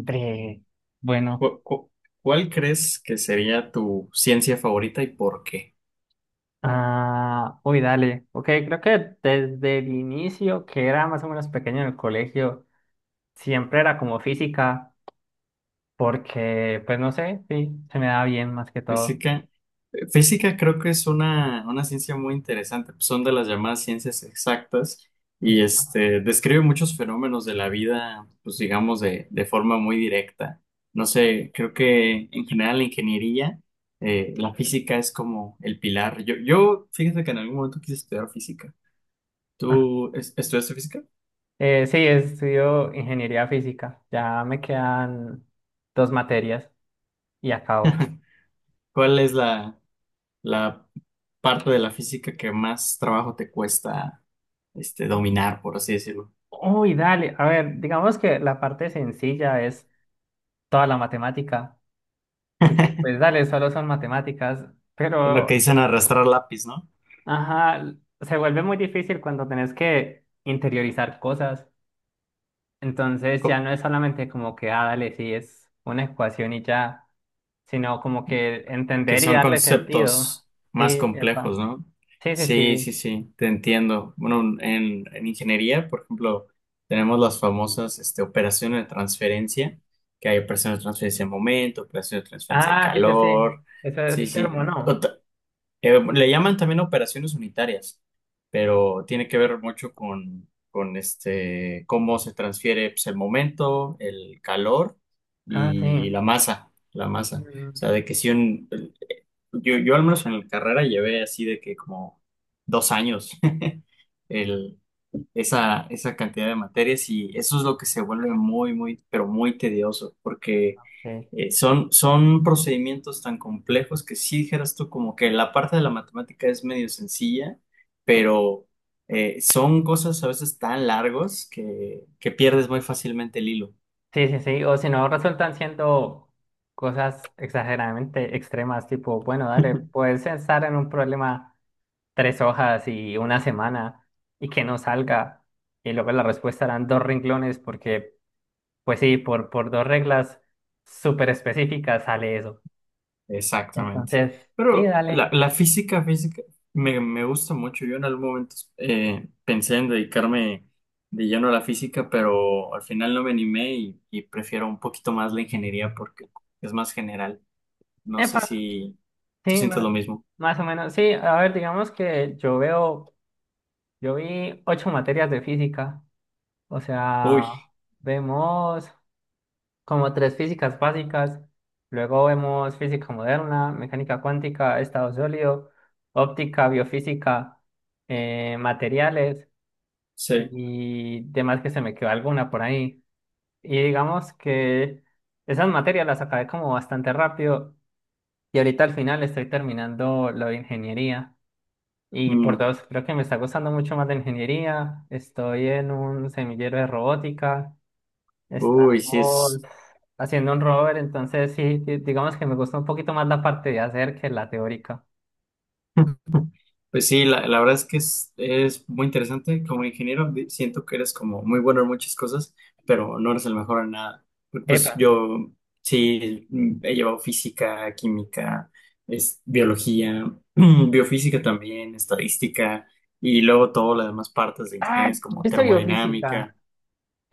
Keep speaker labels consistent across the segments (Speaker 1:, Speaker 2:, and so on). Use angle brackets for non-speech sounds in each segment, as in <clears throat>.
Speaker 1: Bre, bueno,
Speaker 2: ¿Cu- cu- ¿Cuál crees que sería tu ciencia favorita y por qué?
Speaker 1: uy, dale. Ok, creo que desde el inicio, que era más o menos pequeño en el colegio, siempre era como física, porque, pues no sé, sí, se me da bien más que todo.
Speaker 2: Física, física creo que es una ciencia muy interesante, pues son de las llamadas ciencias exactas y describe muchos fenómenos de la vida, pues digamos, de forma muy directa. No sé, creo que en general la ingeniería, la física es como el pilar. Yo, fíjate que en algún momento quise estudiar física.
Speaker 1: <laughs>
Speaker 2: ¿Tú estudiaste física?
Speaker 1: Sí, estudio ingeniería física. Ya me quedan dos materias y acabo.
Speaker 2: ¿Cuál es la parte de la física que más trabajo te cuesta dominar, por así decirlo?
Speaker 1: Uy, dale. A ver, digamos que la parte sencilla es toda la matemática, porque pues dale, solo son matemáticas,
Speaker 2: Es lo que
Speaker 1: pero.
Speaker 2: dicen arrastrar lápiz, ¿no?
Speaker 1: Ajá, se vuelve muy difícil cuando tenés que interiorizar cosas. Entonces ya
Speaker 2: Co-
Speaker 1: no es solamente como que, ah, dale, sí, es una ecuación y ya, sino como que
Speaker 2: ¿Que
Speaker 1: entender y
Speaker 2: son
Speaker 1: darle sentido.
Speaker 2: conceptos más
Speaker 1: Sí, epa.
Speaker 2: complejos, ¿no?
Speaker 1: Sí, sí,
Speaker 2: Sí, sí,
Speaker 1: sí.
Speaker 2: sí, te entiendo. Bueno, en ingeniería, por ejemplo, tenemos las famosas operaciones de transferencia, que hay operaciones de transferencia de momento, operaciones de transferencia de
Speaker 1: Ah, sí, sí, sí.
Speaker 2: calor.
Speaker 1: Eso
Speaker 2: Sí,
Speaker 1: es
Speaker 2: sí.
Speaker 1: termo, ¿no?
Speaker 2: Le llaman también operaciones unitarias, pero tiene que ver mucho con cómo se transfiere pues, el momento, el calor
Speaker 1: Ah,
Speaker 2: y
Speaker 1: sí.
Speaker 2: la masa, la masa. O sea,
Speaker 1: Mm.
Speaker 2: de que si un, yo al menos en la carrera llevé así de que como 2 años. <laughs> El, esa cantidad de materias y eso es lo que se vuelve muy, muy, pero muy tedioso, porque
Speaker 1: Sí,
Speaker 2: son, son procedimientos tan complejos que si dijeras tú como que la parte de la matemática es medio sencilla, pero son cosas a veces tan largos que pierdes muy fácilmente el hilo.
Speaker 1: sí, sí, sí. O si no, resultan siendo cosas exageradamente extremas, tipo, bueno, dale,
Speaker 2: <laughs>
Speaker 1: puedes pensar en un problema. Tres hojas y una semana y que no salga. Y luego la respuesta eran dos renglones porque, pues sí, por dos reglas súper específicas sale eso.
Speaker 2: Exactamente.
Speaker 1: Entonces, sí,
Speaker 2: Pero
Speaker 1: dale.
Speaker 2: la física, física, me gusta mucho. Yo en algún momento pensé en dedicarme de lleno a la física, pero al final no me animé y prefiero un poquito más la ingeniería porque es más general. No
Speaker 1: Epa,
Speaker 2: sé si tú
Speaker 1: sí,
Speaker 2: sientes lo mismo.
Speaker 1: más o menos. Sí, a ver, digamos que yo veo, yo vi 8 materias de física, o sea,
Speaker 2: Uy,
Speaker 1: vemos, como tres físicas básicas, luego vemos física moderna, mecánica cuántica, estado sólido, óptica, biofísica, materiales
Speaker 2: sí.
Speaker 1: y demás que se me quedó alguna por ahí. Y digamos que esas materias las acabé como bastante rápido y ahorita al final estoy terminando lo de ingeniería. Y por
Speaker 2: Mm,
Speaker 1: dos, creo que me está gustando mucho más de ingeniería. Estoy en un semillero de robótica.
Speaker 2: uy, sí es.
Speaker 1: Estamos haciendo un rover, entonces sí, digamos que me gusta un poquito más la parte de hacer que la teórica.
Speaker 2: Pues sí, la verdad es que es muy interesante. Como ingeniero, siento que eres como muy bueno en muchas cosas, pero no eres el mejor en nada. Pues
Speaker 1: Epa.
Speaker 2: yo sí mm, he llevado física, química, es, biología, <clears throat> biofísica también, estadística, y luego todas las demás partes de
Speaker 1: Ah,
Speaker 2: ingenierías como
Speaker 1: ¿viste biofísica?
Speaker 2: termodinámica.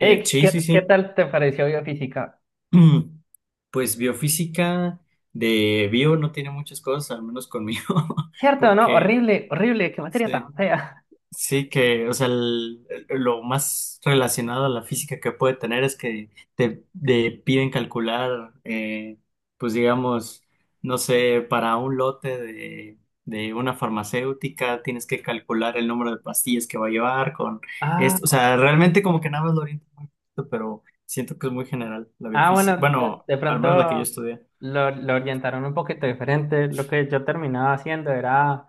Speaker 2: Sí,
Speaker 1: ¿qué,
Speaker 2: sí,
Speaker 1: qué
Speaker 2: sí.
Speaker 1: tal te pareció biofísica?
Speaker 2: <clears throat> Pues biofísica de bio no tiene muchas cosas, al menos conmigo, <laughs>
Speaker 1: ¿Cierto o no?
Speaker 2: porque...
Speaker 1: Horrible, horrible, qué materia tan
Speaker 2: sí.
Speaker 1: fea. <laughs>
Speaker 2: Sí, que, o sea, lo más relacionado a la física que puede tener es que te piden calcular, pues digamos, no sé, para un lote de una farmacéutica tienes que calcular el número de pastillas que va a llevar con
Speaker 1: Ah,
Speaker 2: esto. O
Speaker 1: ok.
Speaker 2: sea, realmente como que nada más lo orienta muy poquito, pero siento que es muy general la
Speaker 1: Ah,
Speaker 2: biofísica,
Speaker 1: bueno,
Speaker 2: bueno,
Speaker 1: de
Speaker 2: al
Speaker 1: pronto
Speaker 2: menos la que yo estudié.
Speaker 1: lo orientaron un poquito diferente. Lo que yo terminaba haciendo era.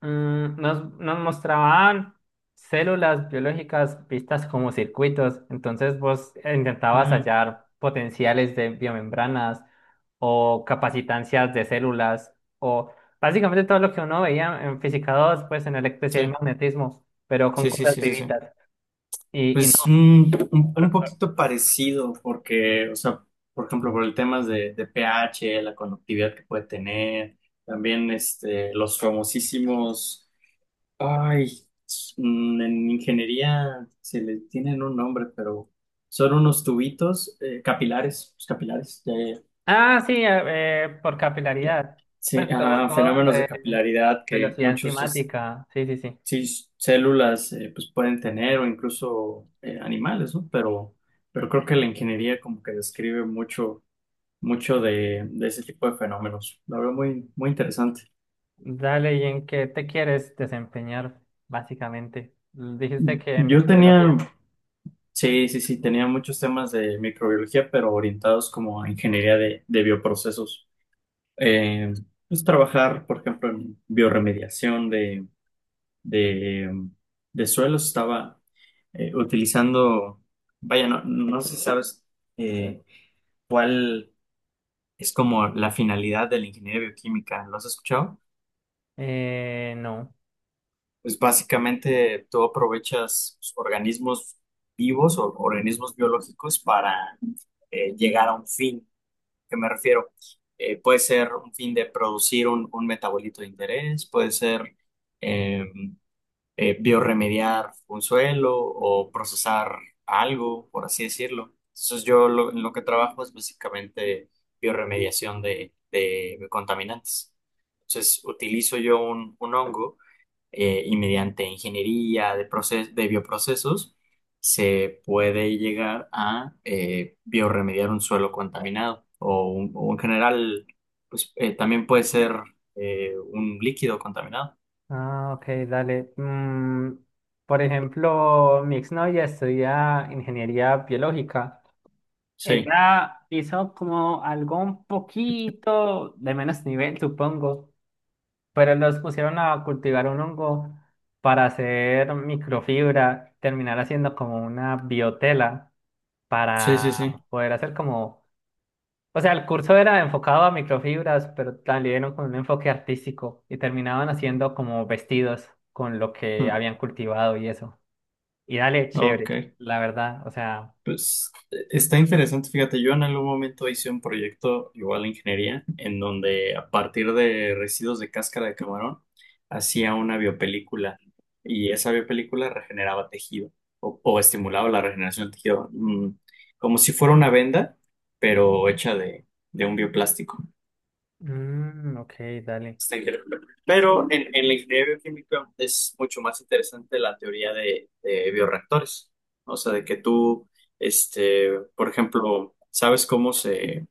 Speaker 1: Mm, nos, nos mostraban células biológicas vistas como circuitos, entonces vos intentabas
Speaker 2: Mm,
Speaker 1: hallar potenciales de biomembranas o capacitancias de células o básicamente todo lo que uno veía en física 2 pues en electricidad y
Speaker 2: sí,
Speaker 1: magnetismo, pero con
Speaker 2: sí, sí,
Speaker 1: cosas
Speaker 2: sí, sí, sí.
Speaker 1: vivitas y no.
Speaker 2: Pues un, un
Speaker 1: por- por-
Speaker 2: poquito parecido, porque, o sea, por ejemplo, por el tema de pH, la conductividad que puede tener, también los famosísimos, ay, mm, en ingeniería se le tienen un nombre, pero son unos tubitos capilares, pues, capilares, ya, ya,
Speaker 1: ah, sí, por
Speaker 2: ya.
Speaker 1: capilaridad,
Speaker 2: Sí,
Speaker 1: pues todo,
Speaker 2: ajá,
Speaker 1: todo lo
Speaker 2: fenómenos de
Speaker 1: de
Speaker 2: capilaridad que
Speaker 1: velocidad
Speaker 2: muchos,
Speaker 1: enzimática, sí, sí, sí.
Speaker 2: sí, células pues pueden tener o incluso animales, ¿no? Pero creo que la ingeniería como que describe mucho, mucho de ese tipo de fenómenos. La verdad, muy, muy interesante.
Speaker 1: Dale, ¿y en qué te quieres desempeñar, básicamente? Dijiste que en
Speaker 2: Yo
Speaker 1: microbiología.
Speaker 2: tenía, sí, sí, sí, tenía muchos temas de microbiología, pero orientados como a ingeniería de bioprocesos. Eh, pues trabajar, por ejemplo, en bioremediación de, de suelos, estaba utilizando, vaya, no, no sé si sabes eh, cuál es como la finalidad de la ingeniería bioquímica, ¿lo has escuchado?
Speaker 1: No.
Speaker 2: Pues básicamente tú aprovechas pues, organismos vivos o organismos biológicos para llegar a un fin. ¿Qué me refiero? Puede ser un fin de producir un metabolito de interés, puede ser em, biorremediar un suelo o procesar algo, por así decirlo. Entonces yo lo, en lo que trabajo es básicamente biorremediación de contaminantes. Entonces utilizo yo un hongo y mediante ingeniería de, de bioprocesos se puede llegar a biorremediar un suelo contaminado o, o en general, pues también puede ser un líquido contaminado.
Speaker 1: Ah, ok, dale. Mm, por ejemplo, mi exnovia estudia ingeniería biológica.
Speaker 2: Sí,
Speaker 1: Ella hizo como algo un poquito de menos nivel, supongo, pero los pusieron a cultivar un hongo para hacer microfibra, terminar haciendo como una biotela
Speaker 2: sí, sí,
Speaker 1: para
Speaker 2: sí.
Speaker 1: poder hacer como. O sea, el curso era enfocado a microfibras, pero también con un enfoque artístico y terminaban haciendo como vestidos con lo que habían cultivado y eso. Y dale, chévere,
Speaker 2: Ok,
Speaker 1: la verdad. O sea,
Speaker 2: pues está
Speaker 1: mm,
Speaker 2: interesante. Fíjate, yo en algún momento hice un proyecto igual de ingeniería en donde a partir de residuos de cáscara de camarón hacía una biopelícula y esa biopelícula regeneraba tejido o estimulaba la regeneración del tejido, mm, como si fuera una venda, pero hecha de un bioplástico.
Speaker 1: mm, ok, dale.
Speaker 2: Está increíble. Pero
Speaker 1: Sí.
Speaker 2: en la ingeniería bioquímica es mucho más interesante la teoría de bioreactores. ¿No? O sea, de que tú, por ejemplo, ¿sabes cómo se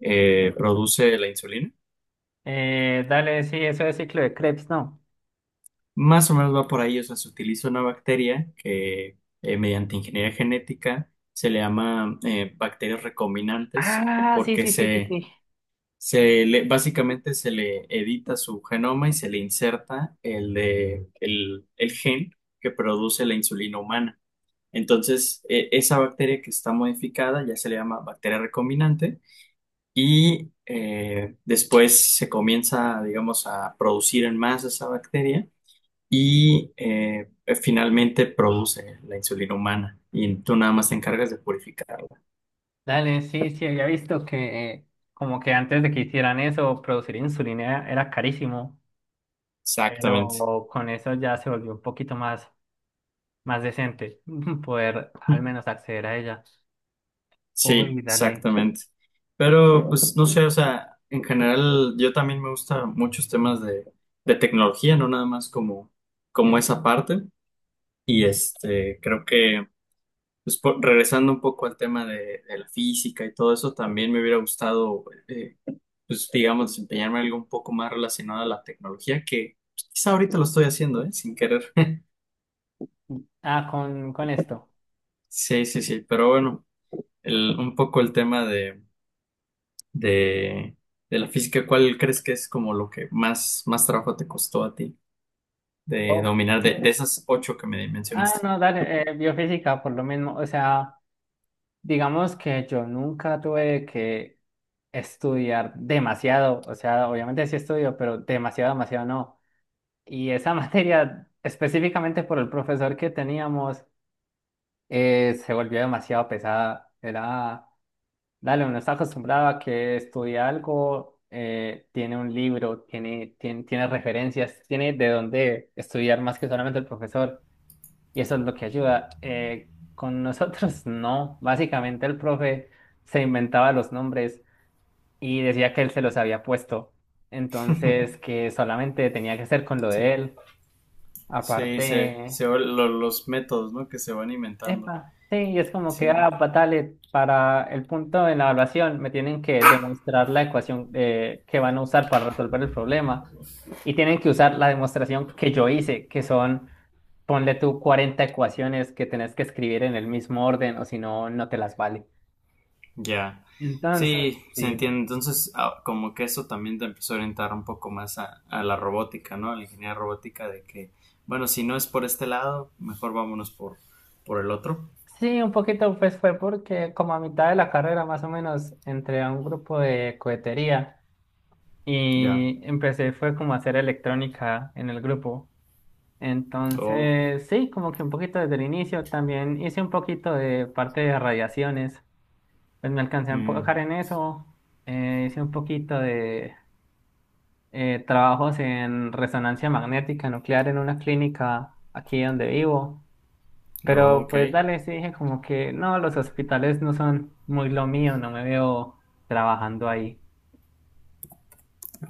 Speaker 2: produce la insulina?
Speaker 1: Dale, sí, eso es ciclo de Krebs, ¿no?
Speaker 2: Más o menos va por ahí. O sea, se utiliza una bacteria que mediante ingeniería genética se le llama bacterias recombinantes
Speaker 1: Ah, sí,
Speaker 2: porque
Speaker 1: sí, sí, sí,
Speaker 2: se
Speaker 1: sí.
Speaker 2: Se le, básicamente se le edita su genoma y se le inserta el, el gen que produce la insulina humana. Entonces, esa bacteria que está modificada ya se le llama bacteria recombinante y después se comienza, digamos, a producir en masa esa bacteria y finalmente produce la insulina humana y tú nada más te encargas de purificarla.
Speaker 1: Dale, sí, sí, había visto que como que antes de que hicieran eso, producir insulina era carísimo,
Speaker 2: Exactamente.
Speaker 1: pero con eso ya se volvió un poquito más. Más decente <laughs> poder al menos acceder a ella.
Speaker 2: Sí,
Speaker 1: Uy, dale.
Speaker 2: exactamente. Pero pues no sé, o sea, en general yo también me gusta muchos temas de tecnología, no nada más como, como esa parte. Y este, creo que pues, regresando un poco al tema de la física y todo eso, también me hubiera gustado, pues digamos, desempeñarme en algo un poco más relacionado a la tecnología, que pues, quizá ahorita lo estoy haciendo, ¿eh? Sin querer. <laughs>
Speaker 1: Ah, con esto.
Speaker 2: Sí, sí, sí, pero bueno, un poco el tema de de, de la física, ¿cuál crees que es como lo que más, más trabajo te costó a ti de
Speaker 1: Oh.
Speaker 2: dominar de esas 8 que me
Speaker 1: Ah,
Speaker 2: mencionaste?
Speaker 1: no, dale, biofísica por lo mismo. O sea, digamos que yo nunca tuve que estudiar demasiado. O sea, obviamente sí estudio, pero demasiado, demasiado no. Y esa <laughs> materia, específicamente por el profesor que teníamos, se volvió demasiado pesada. Era. Dale, uno está acostumbrado a que estudia algo, tiene un libro, tiene, tiene, tiene referencias, tiene de dónde estudiar más que solamente el profesor, y eso es lo que ayuda. Con nosotros <laughs> no, básicamente el profe se inventaba los nombres y decía que él se los había puesto, entonces
Speaker 2: <laughs>
Speaker 1: que solamente tenía que ser con lo de
Speaker 2: Sí,
Speaker 1: él.
Speaker 2: sí,
Speaker 1: Aparte,
Speaker 2: los métodos, ¿no? Que se van inventando.
Speaker 1: epa, sí, y es como que,
Speaker 2: Sí,
Speaker 1: ah, patale, para el punto de la evaluación me tienen que demostrar la ecuación que van a usar para resolver el problema y tienen que usar la demostración que yo hice, que son, ponle tú 40 ecuaciones que tenés que escribir en el mismo orden o si no, no te las vale.
Speaker 2: ya. Sí,
Speaker 1: Entonces,
Speaker 2: se
Speaker 1: sí.
Speaker 2: entiende. Entonces, ah, como que eso también te empezó a orientar un poco más a la robótica, ¿no? A la ingeniería robótica de que, bueno, si no es por este lado, mejor vámonos por el otro.
Speaker 1: Sí, un poquito pues fue porque como a mitad de la carrera más o menos entré a un grupo de cohetería
Speaker 2: Ya.
Speaker 1: y empecé fue como a hacer electrónica en el grupo.
Speaker 2: Oh,
Speaker 1: Entonces, sí, como que un poquito desde el inicio. También hice un poquito de parte de radiaciones. Pues me alcancé a
Speaker 2: mm,
Speaker 1: enfocar en eso. Hice un poquito de trabajos en resonancia magnética nuclear en una clínica aquí donde vivo.
Speaker 2: oh,
Speaker 1: Pero
Speaker 2: ok.
Speaker 1: pues dale, sí dije como que no, los hospitales no son muy lo mío, no me veo trabajando ahí.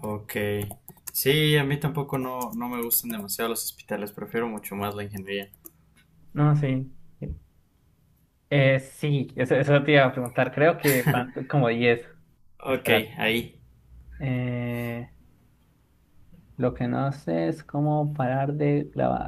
Speaker 2: Ok. Sí, a mí tampoco no, no me gustan demasiado los hospitales, prefiero mucho más la ingeniería.
Speaker 1: No, sí. Sí, eso, eso te iba a preguntar. Creo que van como 10.
Speaker 2: Ok,
Speaker 1: Espera.
Speaker 2: ahí.
Speaker 1: Lo que no sé es cómo parar de grabar.